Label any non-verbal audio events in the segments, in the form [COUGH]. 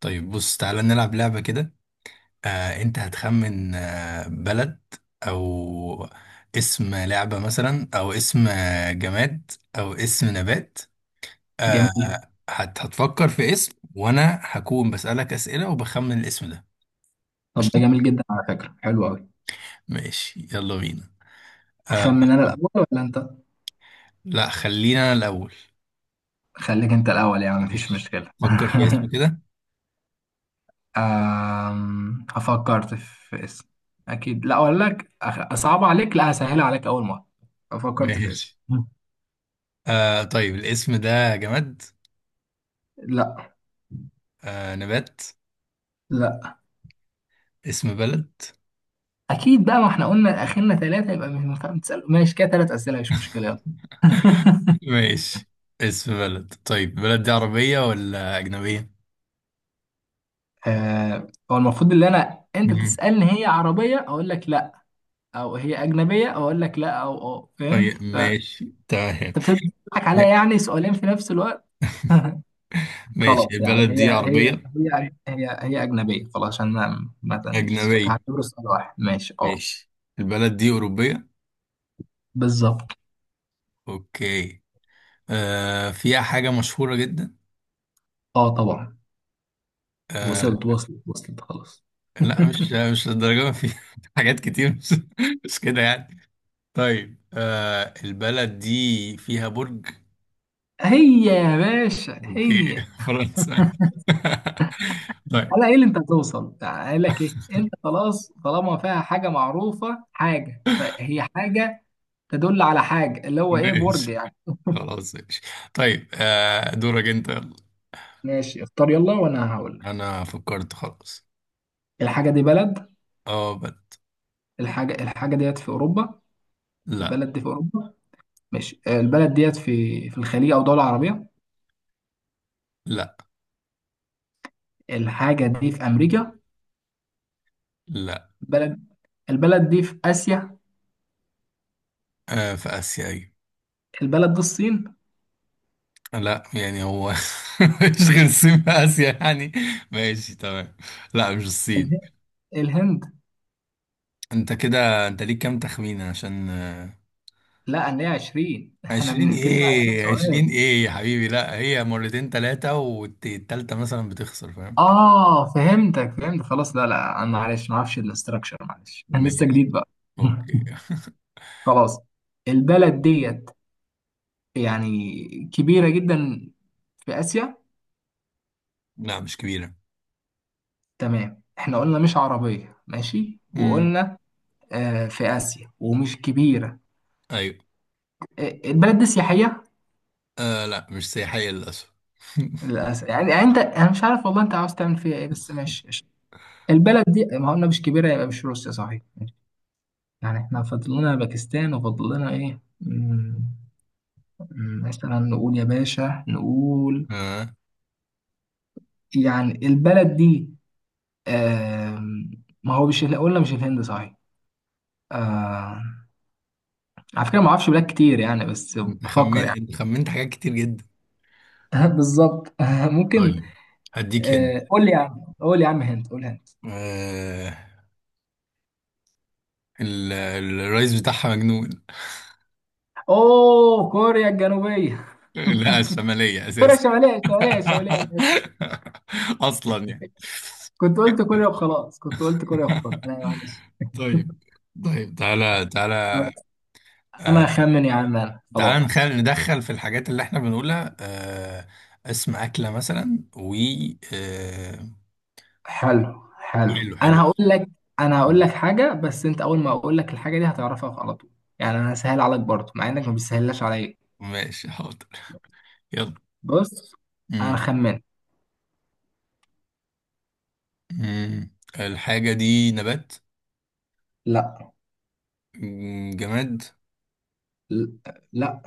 طيب بص تعالى نلعب لعبة كده. انت هتخمن بلد او اسم لعبة مثلا او اسم جماد او اسم نبات. آه جميل. هت هتفكر في اسم وانا هكون بسألك اسئلة وبخمن الاسم ده. طب ده قشطة. جميل جدا على فكرة، حلو قوي. ماشي يلا بينا. اخمن انا الاول ولا انت؟ لا خلينا انا الاول. خليك انت الاول، يعني مفيش ماشي، مشكلة. فكر في اسم [LAUGHS] كده. فكرت في اسم. اكيد لا اقول لك صعب عليك، لا هسهل عليك اول مرة. فكرت في اسم. ماشي. طيب الاسم ده جماد؟ لا نبات؟ لا اسم بلد؟ اكيد بقى، ما احنا قلنا اخرنا 3، يبقى مش مفهوم تسأل ماشي كده، 3 اسئلة مش مشكلة يلا. [LAUGHS] ماشي، اسم بلد. طيب بلد دي عربية ولا أجنبية؟ هو المفروض ان انا انت مم. تسألني هي عربية اقول لك لا، او هي اجنبية اقول لك لا، او اه فاهم. طيب ماشي تمام. انت بتضحك عليا، يعني سؤالين في نفس الوقت. [LAUGHS] ماشي، خلاص يعني البلد هي دي هي عربية؟ هي هي هي أجنبية خلاص، عشان ما مش أجنبية. هعتبره سؤال واحد ماشي اه. ماشي، البلد دي أوروبية. بالظبط. أوكي. فيها حاجة مشهورة جدا؟ اه طبعا. آه وصلت وصلت وصلت خلاص. لا مش [LAUGHS] مش للدرجة ما فيها [LAUGHS] حاجات كتير، مش كده يعني. طيب، البلد دي فيها برج؟ هي يا باشا أوكي هي. [LAUGHS] فرنسا. [LAUGHS] [LAUGHS] طيب. على ايه اللي انت هتوصل، قال لك ايه، انت خلاص طالما فيها حاجه معروفه حاجه، فهي حاجه تدل على حاجه، اللي هو ايه، برج ماشي، يعني. خلاص ماشي. طيب، دورك انت، يلا. ماشي اختار يلا وانا هقول لك. انا فكرت، خلاص. الحاجه دي بلد. اه بد. الحاجه ديت في اوروبا. لا. البلد دي في اوروبا ماشي. البلد ديت في الخليج او دوله عربيه. لا. الحاجه دي في امريكا. لا. البلد البلد دي في اسيا. في اسيا، ايوه. البلد دي الصين. لا، يعني هو [LAUGHS] مش غير الصين في اسيا يعني؟ ماشي تمام. لا مش الصين. اله- الهند. انت كده انت ليك كام تخمينه عشان لا ان هي 20، احنا عشرين بنقفل مع 20 ايه؟ سؤال. عشرين ايه يا حبيبي؟ لا، هي مرتين تلاتة والتالتة مثلا بتخسر، فاهم؟ اه فهمتك فهمت خلاص، لا لا انا معلش ما اعرفش الاستراكشر معلش. [LAUGHS] انا لسه ماشي. جديد بقى. [LAUGHS] اوكي. خلاص. البلد ديت يعني كبيره جدا في اسيا. لا مش كبيرة. تمام، احنا قلنا مش عربيه ماشي، امم. وقلنا في آسيا ومش كبيرة. ايوه. البلد دي سياحية. لا مش سياحية للأسف. [LAUGHS] للأسف، يعني يعني أنت، أنا مش عارف والله أنت عاوز تعمل فيها إيه، بس ماشي قشطة. البلد دي ما قلنا مش كبيرة يبقى مش روسيا صحيح. يعني إحنا فاضل لنا باكستان وفاضل لنا إيه، مثلا نقول يا باشا نقول. اه، يعني البلد دي، آم، ما هو مش قلنا مش الهند صحيح. آه، على فكرة ما أعرفش بلاد كتير يعني، بس انت بفكر خمنت، يعني. انت خمنت حاجات كتير جدا. [LAUGHS] بالظبط. [LAUGHS] ممكن. طيب هديك هند. قول لي يا عم، قول لي يا عم هند قول هند. آه... الرئيس بتاعها مجنون. اوه كوريا الجنوبية. [LAUGHS] [LAUGHS] لا الشمالية كوريا أساسا. الشمالية، الشمالية الشمالية، انا اسف. [LAUGHS] أصلا يعني. كنت قلت كوريا وخلاص، كنت قلت كوريا وخلاص، انا معلش. طيب. طيب تعالى، [LAUGHS] تعالى. خلاص. انا آه... اخمن يا عم انا تعالى خلاص. ندخل في الحاجات اللي احنا بنقولها. آه... اسم أكلة مثلا و آه... حلو حلو حلو حلو. انا هقول لك. انا هقول لك حاجة، بس انت اول ما اقول لك الحاجة دي هتعرفها على طول. يعني انا سهل عليك برضه، مع انك ما بتسهلهاش عليا. ماشي حاضر. بص، انا يلا. خمنت. مم. الحاجة دي نبات؟ لا. جماد؟ ل- لا.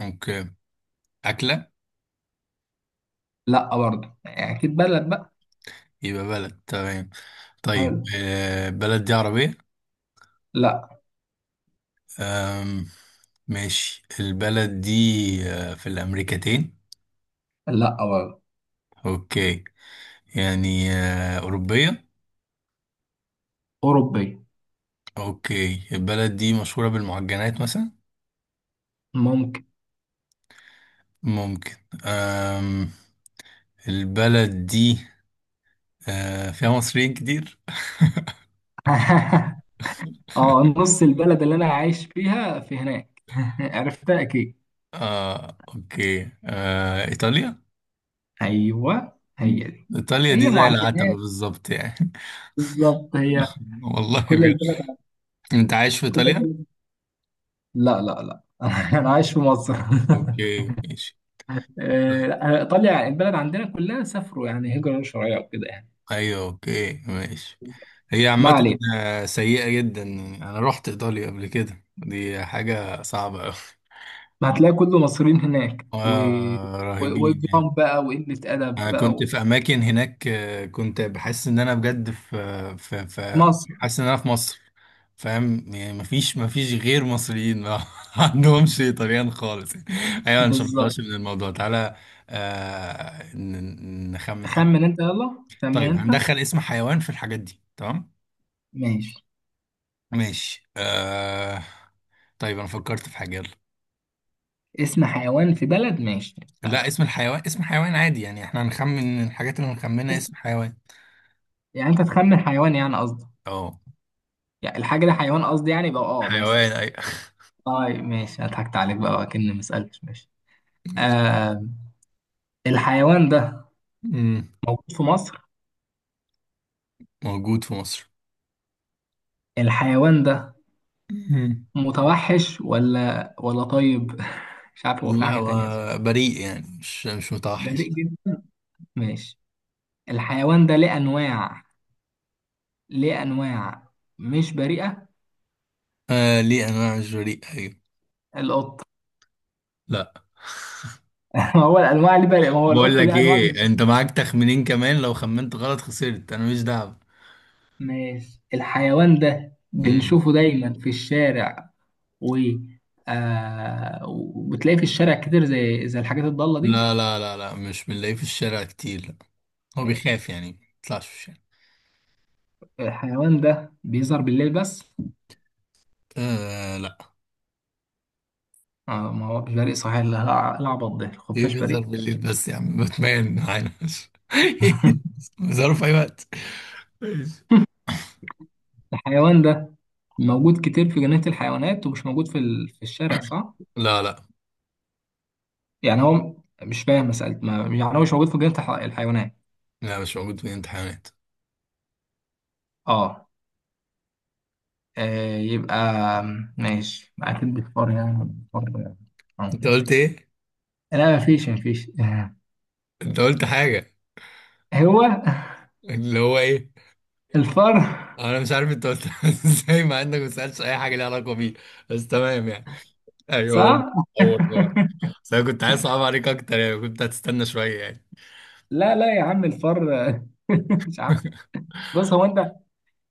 اوكي، أكلة؟ لا برضه، يعني اكيد بلد بقى. يبقى بلد، تمام. طيب حلو. البلد دي عربية؟ لا. آم، ماشي، البلد دي في الأمريكتين؟ لا برضه. اوكي، يعني أوروبية. اوروبي. اوكي، البلد دي مشهورة بالمعجنات مثلا؟ ممكن. ممكن. آم، البلد دي فيها مصريين كتير؟ [LAUGHS] اه [LAUGHS] نص البلد اللي انا عايش فيها في هناك. [LAUGHS] عرفتها اكيد. اه اوكي، إيطاليا. ايوه مم. هي دي. إيطاليا هي دي زي العتبة معجنات، بالظبط يعني. بالظبط هي. [LAUGHS] والله كل بجد. البلد، أنت عايش في كل إيطاليا؟ البلد. لا لا لا. [LAUGHS] انا عايش في مصر. [LAUGHS] أوكي ماشي. طيب. لا، ايطاليا البلد عندنا كلها سافروا، يعني هجرة غير شرعية وكده يعني. أيوه أوكي ماشي. هي ما عامة علينا. سيئة جدا، يعني أنا رحت إيطاليا قبل كده، دي حاجة صعبة أوي. هتلاقي كله مصريين هناك [LAUGHS] آه رهيبين يعني. واجرام بقى وقلة ادب أنا كنت بقى. في أماكن هناك كنت بحس إن أنا بجد في في ومصر. حاسس إن أنا في مصر، فاهم يعني؟ مفيش غير مصريين، ما [LAUGHS] عندهمش طليان خالص يعني. ايوه مش بالظبط. هنطلعش من الموضوع، تعالى نخمن حاجه. خمن انت يلا، خمن طيب انت. هندخل اسم حيوان في الحاجات دي، تمام؟ ماشي. ماشي. آه، طيب انا فكرت في حاجه، يلا. اسم حيوان في بلد ماشي لا استنى. اسم الحيوان، اسم حيوان عادي يعني، احنا هنخمن الحاجات اللي هنخمنها، اسم حيوان. يعني انت تخمن حيوان يعني قصدي، اه، يعني الحاجة دي حيوان قصدي يعني بقى اه مثلا. حيوان اي. طيب ماشي، أنا ضحكت عليك بقى وأكني ما سألتش ماشي. آه. الحيوان ده مم. موجود في مصر. موجود في مصر. الحيوان ده مم. متوحش ولا طيب، [LAUGHS] مش عارف هو في لا، حاجة هو تانية أصلا. بريء يعني، مش متوحش. بريء جدا. ماشي. الحيوان ده ليه أنواع، ليه أنواع مش بريئة. آه ليه انواع، مش بريء، ايوه. القط. لا. [LAUGHS] ما هو الأنواع اللي بريئة، ما هو بقول القط لك ليه أنواع مش. ايه، انت معاك تخمينين كمان، لو خمنت غلط خسرت، انا مش دعوه. ماشي. الحيوان ده مم. بنشوفه دايما في الشارع و وبتلاقيه في الشارع كتير، زي الحاجات الضالة دي. لا مش بنلاقيه في الشارع كتير، لا. هو ماشي. بيخاف يعني، ما بيطلعش في الشارع. الحيوان ده بيظهر بالليل بس. آه لا. ما هو مش بريء صحيح، العبط ده ايه الخفاش بيظهر بريء. بالليل بس؟ يا عم باتمان معانا! [LAUGHS] [LAUGHS] بيظهروا في اي وقت. ماشي. الحيوان ده موجود كتير في جنينة الحيوانات ومش موجود في في الشارع صح؟ لا لا يعني هو مش فاهم مسألة ما، يعني هو مش موجود في جنينة الحيوانات. لا مش موجود في الامتحانات. اه. آه يبقى ماشي أكيد بالفار يعني بالفار. آه انت ماشي. قلت ايه؟ لا مفيش انت قلت حاجه. هو اللي هو ايه؟ الفار انا مش عارف انت قلت [LAUGHS] ازاي مع انك ما سالتش اي حاجه ليها علاقه بيه، بس تمام يعني. ايوه هو. صح؟ [LAUGHS] هو هو بس انا كنت عايز اصعب عليك اكتر يعني، كنت هتستنى شويه يعني. لا لا يا عم الفار [LAUGHS] مش عارف. بص هو أنت،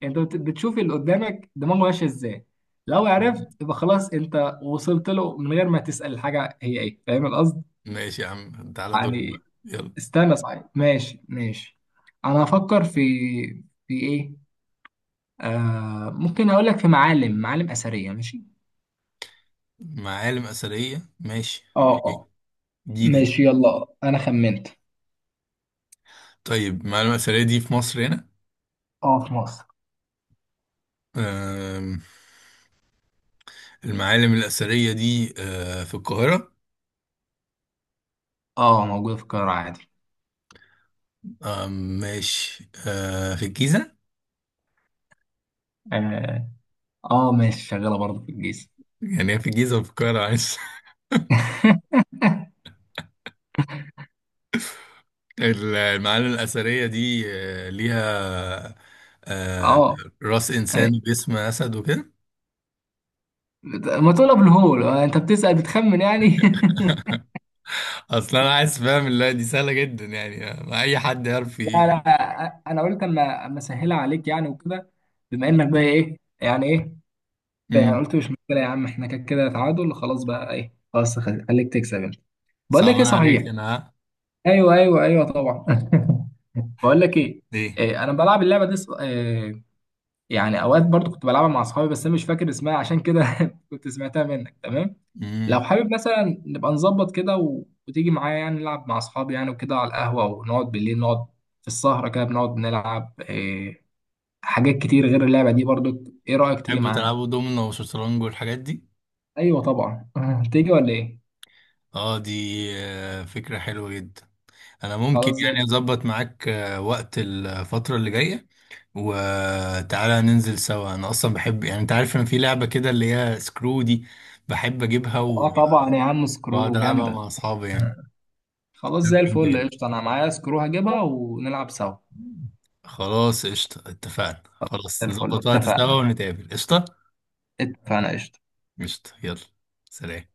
أنت بتشوف اللي قدامك دماغه ماشية إزاي، لو عرفت [LAUGHS] يبقى خلاص أنت وصلت له من غير ما تسأل الحاجة هي إيه، فاهم القصد؟ ماشي يا عم، تعالى دورك بقى، يعني يلا. استنى صحيح ماشي ماشي. أنا هفكر في في إيه؟ آه ممكن أقول لك في معالم أثرية ماشي. معالم اثريه، ماشي. اه اه جديده دي. ماشي يلا انا خمنت. طيب معالم اثريه دي في مصر هنا؟ اه في مصر. أم، المعالم الاثريه دي أه، في القاهره؟ اه موجودة في القاهرة عادي. أم، ماشي أه، في الجيزه؟ اه اه ماشي شغالة برضه في الجيزة. يعني هي في الجيزه وفي القاهره، عايز [LAUGHS] [LAUGHS] المعالم الاثريه دي أه، ليها أه، اه راس أي. انسان باسم اسد وكده. ما تقول ابو الهول، انت بتسأل بتخمن يعني. اصل انا عايز، فاهم؟ اللي دي سهله جدا يعني، ما اي حد يعرف [LAUGHS] لا لا، انا قلت اما اسهلها عليك يعني وكده، بما انك بقى ايه يعني ايه. يعني امم. قلت مش مشكلة يا عم، احنا كده كده تعادل خلاص بقى ايه خلاص خليك تكسب انت. بقول لك ايه صعبان صحيح. عليك انا، ها؟ ايوه ايوه ايوه طبعا. [LAUGHS] بقول لك ايه. ليه؟ انا بلعب اللعبه دي، يعني اوقات برضو كنت بلعبها مع اصحابي، بس انا مش فاكر اسمها عشان كده. [LAUGHS] كنت سمعتها منك تمام. لو امم. حابب مثلا نبقى نظبط كده وتيجي معايا يعني نلعب مع اصحابي يعني وكده على القهوة، ونقعد بالليل نقعد في السهرة كده بنقعد نلعب حاجات كتير غير اللعبة دي برضو، ايه رأيك تيجي تحبوا معانا. تلعبوا دومينو وشطرنج والحاجات دي؟ ايوه طبعا. [LAUGHS] تيجي ولا ايه. اه دي آه، فكره حلوه جدا. انا ممكن خلاص زي يعني الفل. اظبط معاك وقت الفتره اللي جايه، وتعالى ننزل سوا. انا اصلا بحب يعني، انت عارف ان في لعبه كده اللي هي سكرو دي؟ بحب اجيبها اه و- طبعا يا عم واقعد سكرو العبها جامدة. مع اصحابي يعني. [LAUGHS] خلاص زي لعبه جامده الفل جدا. قشطة، انا معايا سكرو هجيبها ونلعب سوا. خلاص قشطة، اتفقنا، زي خلاص نظبط الفل وقت خلاص سوا اتفقنا. ونتقابل، قشطة. اتفقنا قشطة. قشطة، يلا. سلام.